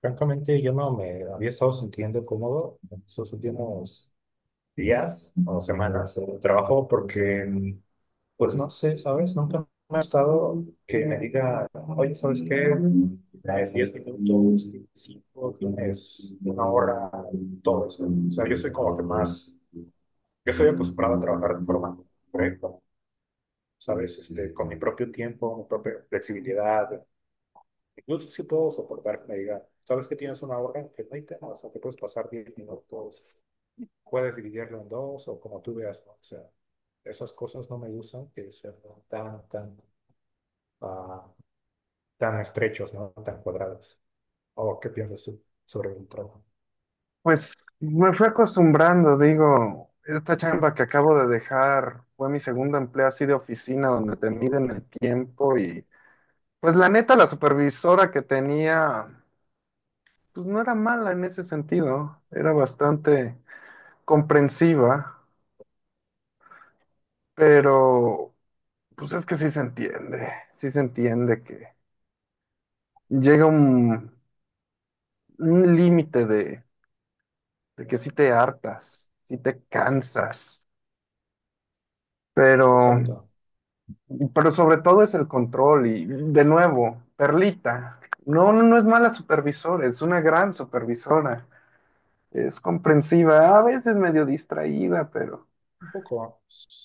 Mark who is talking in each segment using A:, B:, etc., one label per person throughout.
A: Francamente, yo no me había estado sintiendo cómodo en esos últimos días o semanas de trabajo porque, pues no sé, ¿sabes? Nunca me ha estado que me diga, oye, ¿sabes qué? Tienes 10 minutos, 5 tienes una hora, todo eso. O sea, yo soy como que más, yo soy acostumbrado a trabajar de forma correcta, ¿sabes? Este, con mi propio tiempo, mi propia flexibilidad. Incluso sí puedo soportar que me diga, sabes que tienes una hora, que no hay tema, o sea, que puedes pasar 10 minutos, puedes dividirlo en dos o como tú veas, ¿no? O sea, esas cosas no me gustan que sean tan, tan, ah, tan estrechos, ¿no? Tan cuadrados. ¿O qué piensas tú sobre el trabajo?
B: Pues me fui acostumbrando, digo, esta chamba que acabo de dejar fue mi segundo empleo así de oficina donde te miden el tiempo. Y pues la neta la supervisora que tenía pues no era mala en ese sentido, era bastante comprensiva. Pero pues es que sí se entiende que llega un límite de, que sí te hartas, sí te cansas, pero...
A: Exacto.
B: Pero sobre todo es el control y, de nuevo, Perlita, no, no, no es mala supervisora, es una gran supervisora, es comprensiva, a veces medio distraída, pero
A: Un poco,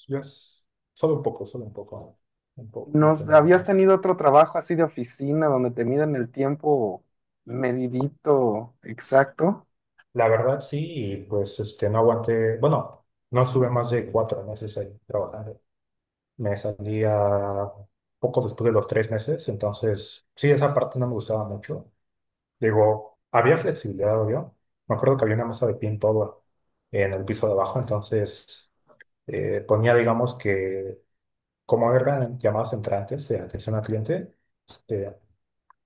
A: yo es- solo un poco, solo un poco, un poquito
B: nos,
A: nada
B: habías
A: más.
B: tenido otro trabajo así de oficina donde te miden el tiempo medidito, exacto.
A: La verdad sí, y pues este, no aguanté, bueno, no sube más de 4 meses ahí trabajando. Me salía poco después de los 3 meses, entonces sí, esa parte no me gustaba mucho. Digo, había flexibilidad, obvio. Me acuerdo que había una mesa de pin power en el piso de abajo, entonces ponía, digamos que, como eran llamadas entrantes de atención al cliente, este,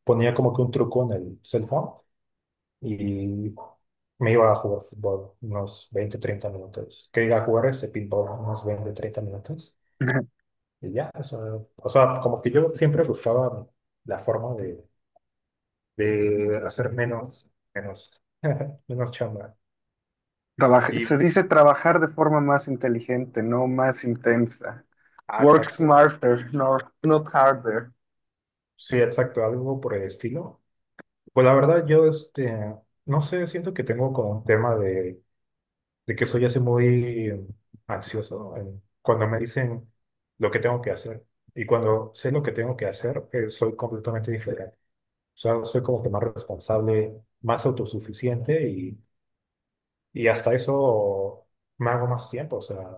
A: ponía como que un truco en el cell phone y me iba a jugar fútbol unos 20 30 minutos. Que iba a jugar ese pinball unos 20, 30 minutos. Y ya, eso, o sea, como que yo siempre buscaba la forma de hacer menos, menos, menos chamba.
B: Trabaja- se
A: Y,
B: dice trabajar de forma más inteligente, no más intensa. Work
A: exacto.
B: smarter, no, not harder.
A: Sí, exacto, algo por el estilo. Pues la verdad, yo, este, no sé, siento que tengo como un tema de que soy así muy ansioso cuando me dicen lo que tengo que hacer. Y cuando sé lo que tengo que hacer, soy completamente diferente. O sea, soy como que más responsable, más autosuficiente y hasta eso me hago más tiempo, o sea,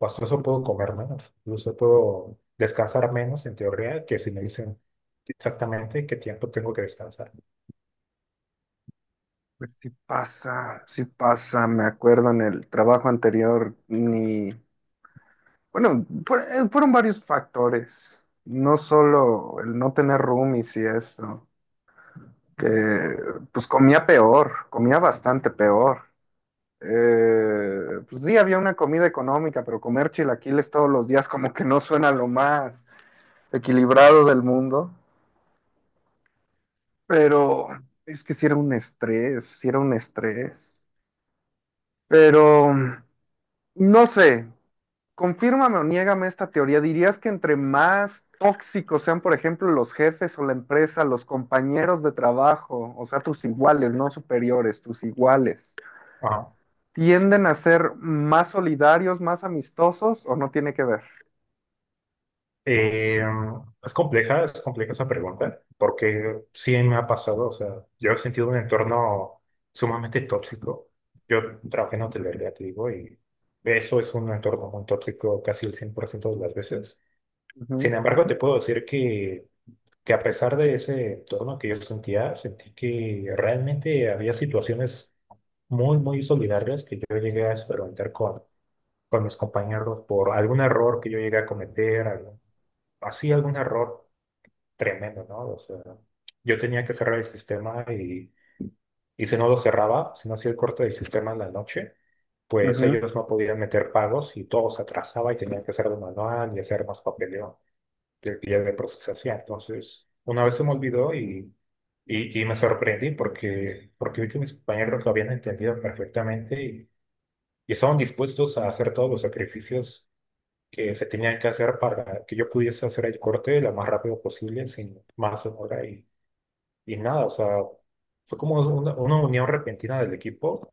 A: hasta eso puedo comer menos, incluso puedo descansar menos en teoría que si me dicen exactamente qué tiempo tengo que descansar.
B: Pues sí pasa, me acuerdo en el trabajo anterior, ni, bueno, fueron varios factores, no solo el no tener roomies y eso, que pues comía peor, comía bastante peor. Pues sí, había una comida económica, pero comer chilaquiles todos los días como que no suena lo más equilibrado del mundo, pero es que sí era un estrés, sí era un estrés, pero... No sé, confírmame o niégame esta teoría. ¿Dirías que entre más tóxicos sean, por ejemplo, los jefes o la empresa, los compañeros de trabajo, o sea, tus iguales, no superiores, tus iguales,
A: Ajá.
B: tienden a ser más solidarios, más amistosos, o no tiene que ver?
A: Eh, es compleja, es compleja esa pregunta, porque sí me ha pasado, o sea, yo he sentido un entorno sumamente tóxico. Yo trabajé en hotelería, te digo, y eso es un entorno muy tóxico casi el 100% de las veces. Sin embargo, te puedo decir que a pesar de ese entorno que yo sentía, sentí que realmente había situaciones muy, muy solidarias que yo llegué a experimentar con mis compañeros por algún error que yo llegué a cometer, así algún error tremendo, ¿no? O sea, yo tenía que cerrar el sistema y si no lo cerraba, si no hacía el corte del sistema en la noche, pues
B: Ujú, ujú.
A: ellos no podían meter pagos y todo se atrasaba y tenían que hacerlo manual y hacer más papeleo que ya de procesación. Entonces, una vez se me olvidó y me sorprendí porque, porque vi que mis compañeros lo habían entendido perfectamente y estaban dispuestos a hacer todos los sacrificios que se tenían que hacer para que yo pudiese hacer el corte lo más rápido posible, sin más demora. Y nada, o sea, fue como una unión repentina del equipo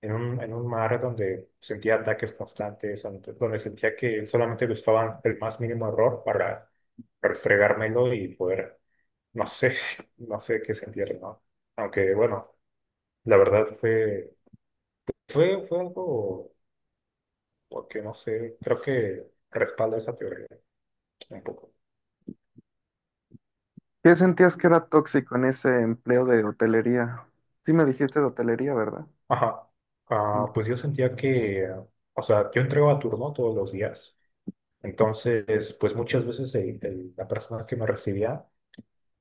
A: en un mar donde sentía ataques constantes, donde sentía que solamente buscaban el más mínimo error para refregármelo y poder, no sé, no sé qué sentir, ¿no? Aunque bueno, la verdad fue, fue, fue algo, porque no sé, creo que respalda esa teoría un poco.
B: ¿Qué sentías que era tóxico en ese empleo de hotelería? Sí me dijiste de hotelería, ¿verdad?
A: Ajá. Ah, pues yo sentía que, o sea, yo entregaba turno todos los días. Entonces, pues muchas veces la persona que me recibía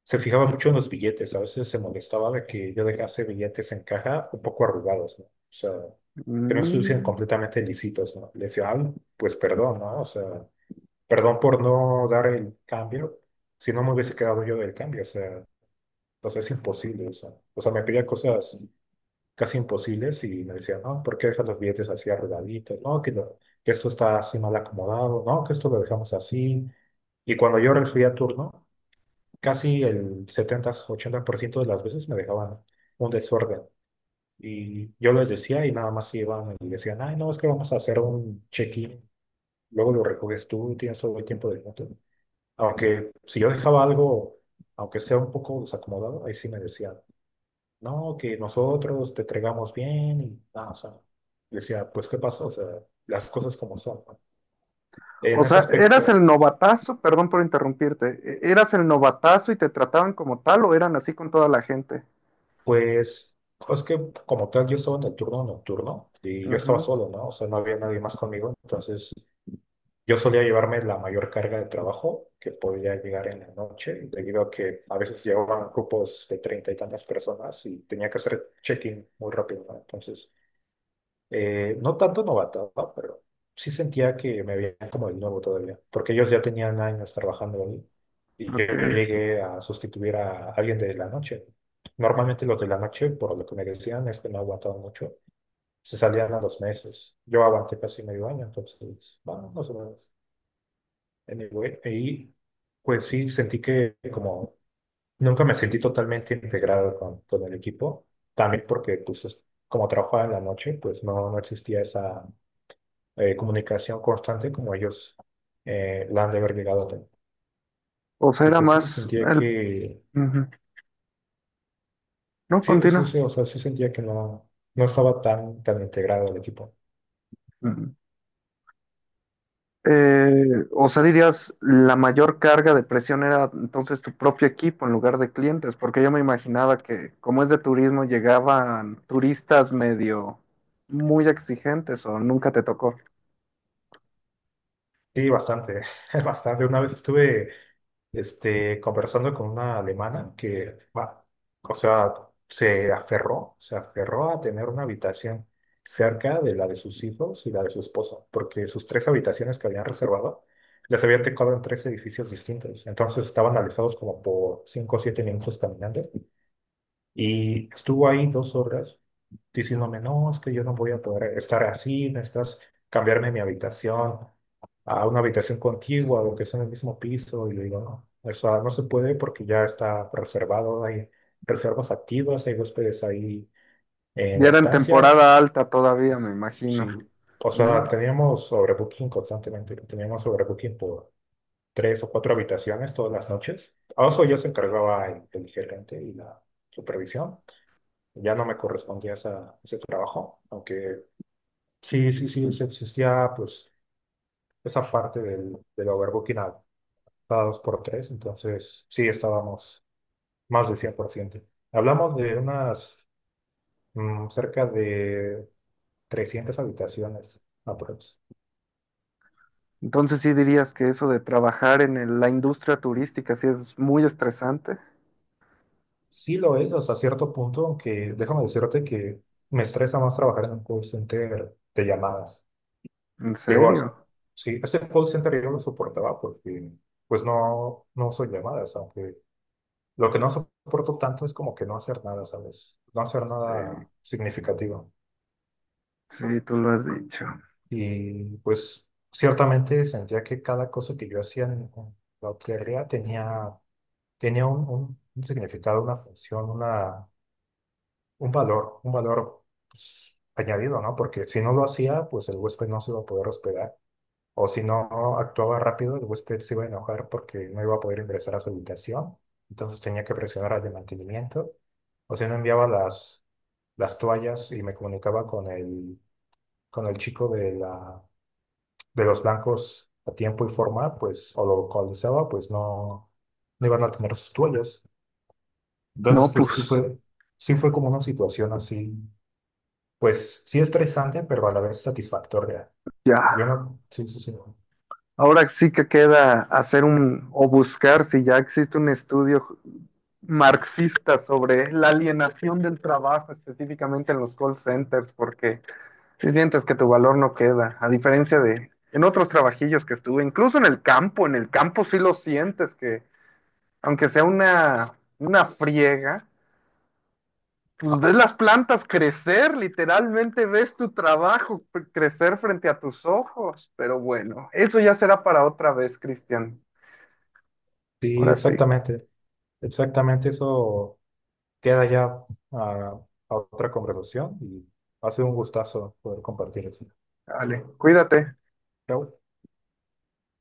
A: se fijaba mucho en los billetes, a veces se molestaba de que yo dejase billetes en caja un poco arrugados, ¿no? O sea, que no estuviesen
B: Mm.
A: completamente lícitos, ¿no? Le decía, ay, pues perdón, ¿no? O sea, perdón por no dar el cambio, si no me hubiese quedado yo del cambio, o sea, entonces es imposible eso. O sea, me pedía cosas casi imposibles y me decían, no, ¿por qué dejas los billetes así arrugaditos? No, que, que esto está así mal acomodado, no, que esto lo dejamos así. Y cuando yo recibía turno, casi el 70 80% de las veces me dejaban un desorden. Y yo les decía y nada más iban y decían, ay, no, es que vamos a hacer un check-in, luego lo recoges tú y tienes todo el tiempo del mundo. Aunque si yo dejaba algo, aunque sea un poco desacomodado, ahí sí me decían, no, que nosotros te entregamos bien y nada, o sea, yo decía, pues, ¿qué pasó? O sea, las cosas como son, ¿no?
B: O
A: En ese
B: sea, ¿eras el
A: aspecto,
B: novatazo? Perdón por interrumpirte, ¿eras el novatazo y te trataban como tal, o eran así con toda la gente?
A: pues, es que como tal, yo estaba en el turno nocturno y yo estaba
B: Ujú,
A: solo, ¿no? O sea, no había nadie más conmigo, entonces yo solía llevarme la mayor carga de trabajo que podía llegar en la noche, debido a que a veces llevaban grupos de treinta y tantas personas y tenía que hacer check-in muy rápido, ¿no? Entonces. No tanto novato, ¿no?, pero sí sentía que me veían como el nuevo todavía, porque ellos ya tenían años trabajando ahí y yo
B: ok.
A: llegué a sustituir a alguien de la noche. Normalmente los de la noche, por lo que me decían, es que no aguantaban mucho, se salían a los meses. Yo aguanté casi medio año, entonces, bueno, más o menos. Anyway, y pues sí, sentí que como nunca me sentí totalmente integrado con el equipo, también porque pues como trabajaba en la noche, pues no, no existía esa comunicación constante como ellos la han de haber llegado a tener.
B: O sea,
A: Y
B: era
A: pues sí,
B: más
A: sentía
B: el...
A: que,
B: Ujú. No,
A: sí, sí,
B: continúa.
A: sí, o sea, sí sentía que no, no estaba tan, tan integrado el equipo.
B: Ujú. O sea, dirías, ¿la mayor carga de presión era entonces tu propio equipo en lugar de clientes? Porque yo me imaginaba que como es de turismo llegaban turistas medio muy exigentes, ¿o nunca te tocó?
A: Sí, bastante, bastante. Una vez estuve este, conversando con una alemana que, va, o sea, se aferró a tener una habitación cerca de la de sus hijos y la de su esposa, porque sus tres habitaciones que habían reservado les habían tocado en tres edificios distintos, entonces estaban alejados como por 5 o 7 minutos caminando y estuvo ahí 2 horas diciéndome, no, es que yo no voy a poder estar así, necesitas cambiarme mi habitación a una habitación contigua o que sea en el mismo piso. Y le digo, no, o sea, no se puede porque ya está reservado, hay reservas activas, hay huéspedes ahí en
B: Y
A: la
B: era en
A: estancia.
B: temporada alta todavía, me imagino.
A: Sí, o
B: Mm.
A: sea, teníamos sobrebooking constantemente, teníamos sobrebooking por tres o cuatro habitaciones todas las noches. A eso ya se encargaba el gerente y la supervisión. Ya no me correspondía ese trabajo, aunque sí, sí, sí, sí existía pues esa parte del, del overbooking a cada dos por tres, entonces sí estábamos más del 100%. Hablamos de unas cerca de 300 habitaciones aprox.
B: Entonces, ¿sí dirías que eso de trabajar en el- la industria turística sí es muy estresante?
A: Sí lo es hasta cierto punto, aunque déjame decirte que me estresa más trabajar en un call center de llamadas.
B: ¿En
A: Digo,
B: serio?
A: sí, este call center yo lo soportaba porque pues no, no son llamadas, aunque lo que no soporto tanto es como que no hacer nada, ¿sabes? No hacer
B: Sí,
A: nada significativo.
B: sí, tú lo has dicho.
A: Y pues ciertamente sentía que cada cosa que yo hacía en la hotelería tenía, tenía un, un significado, una función, una, un valor pues, añadido, ¿no? Porque si no lo hacía, pues el huésped no se iba a poder hospedar. O si no actuaba rápido, el huésped se iba a enojar porque no iba a poder ingresar a su habitación. Entonces tenía que presionar al de mantenimiento. O si no enviaba las toallas y me comunicaba con el chico de la, de los blancos a tiempo y forma, pues, o lo localizaba, pues no, no iban a tener sus toallas. Entonces,
B: No,
A: pues
B: pues
A: sí fue como una situación así, pues sí estresante, pero a la vez satisfactoria.
B: ya.
A: Yo no, sí, sí, sí.
B: Ahora sí que queda hacer un o buscar si ya existe un estudio marxista sobre la alienación del trabajo, específicamente en los call centers, porque si sientes que tu valor no queda, a diferencia de en otros trabajillos que estuve, incluso en el campo sí lo sientes que, aunque sea una friega, pues ves las plantas crecer, literalmente ves tu trabajo p- crecer frente a tus ojos. Pero bueno, eso ya será para otra vez, Cristian.
A: Sí,
B: Ahora sí,
A: exactamente. Exactamente, eso queda ya a, a otra conversación y ha sido un gustazo poder compartir eso.
B: vale, cuídate.
A: Chao.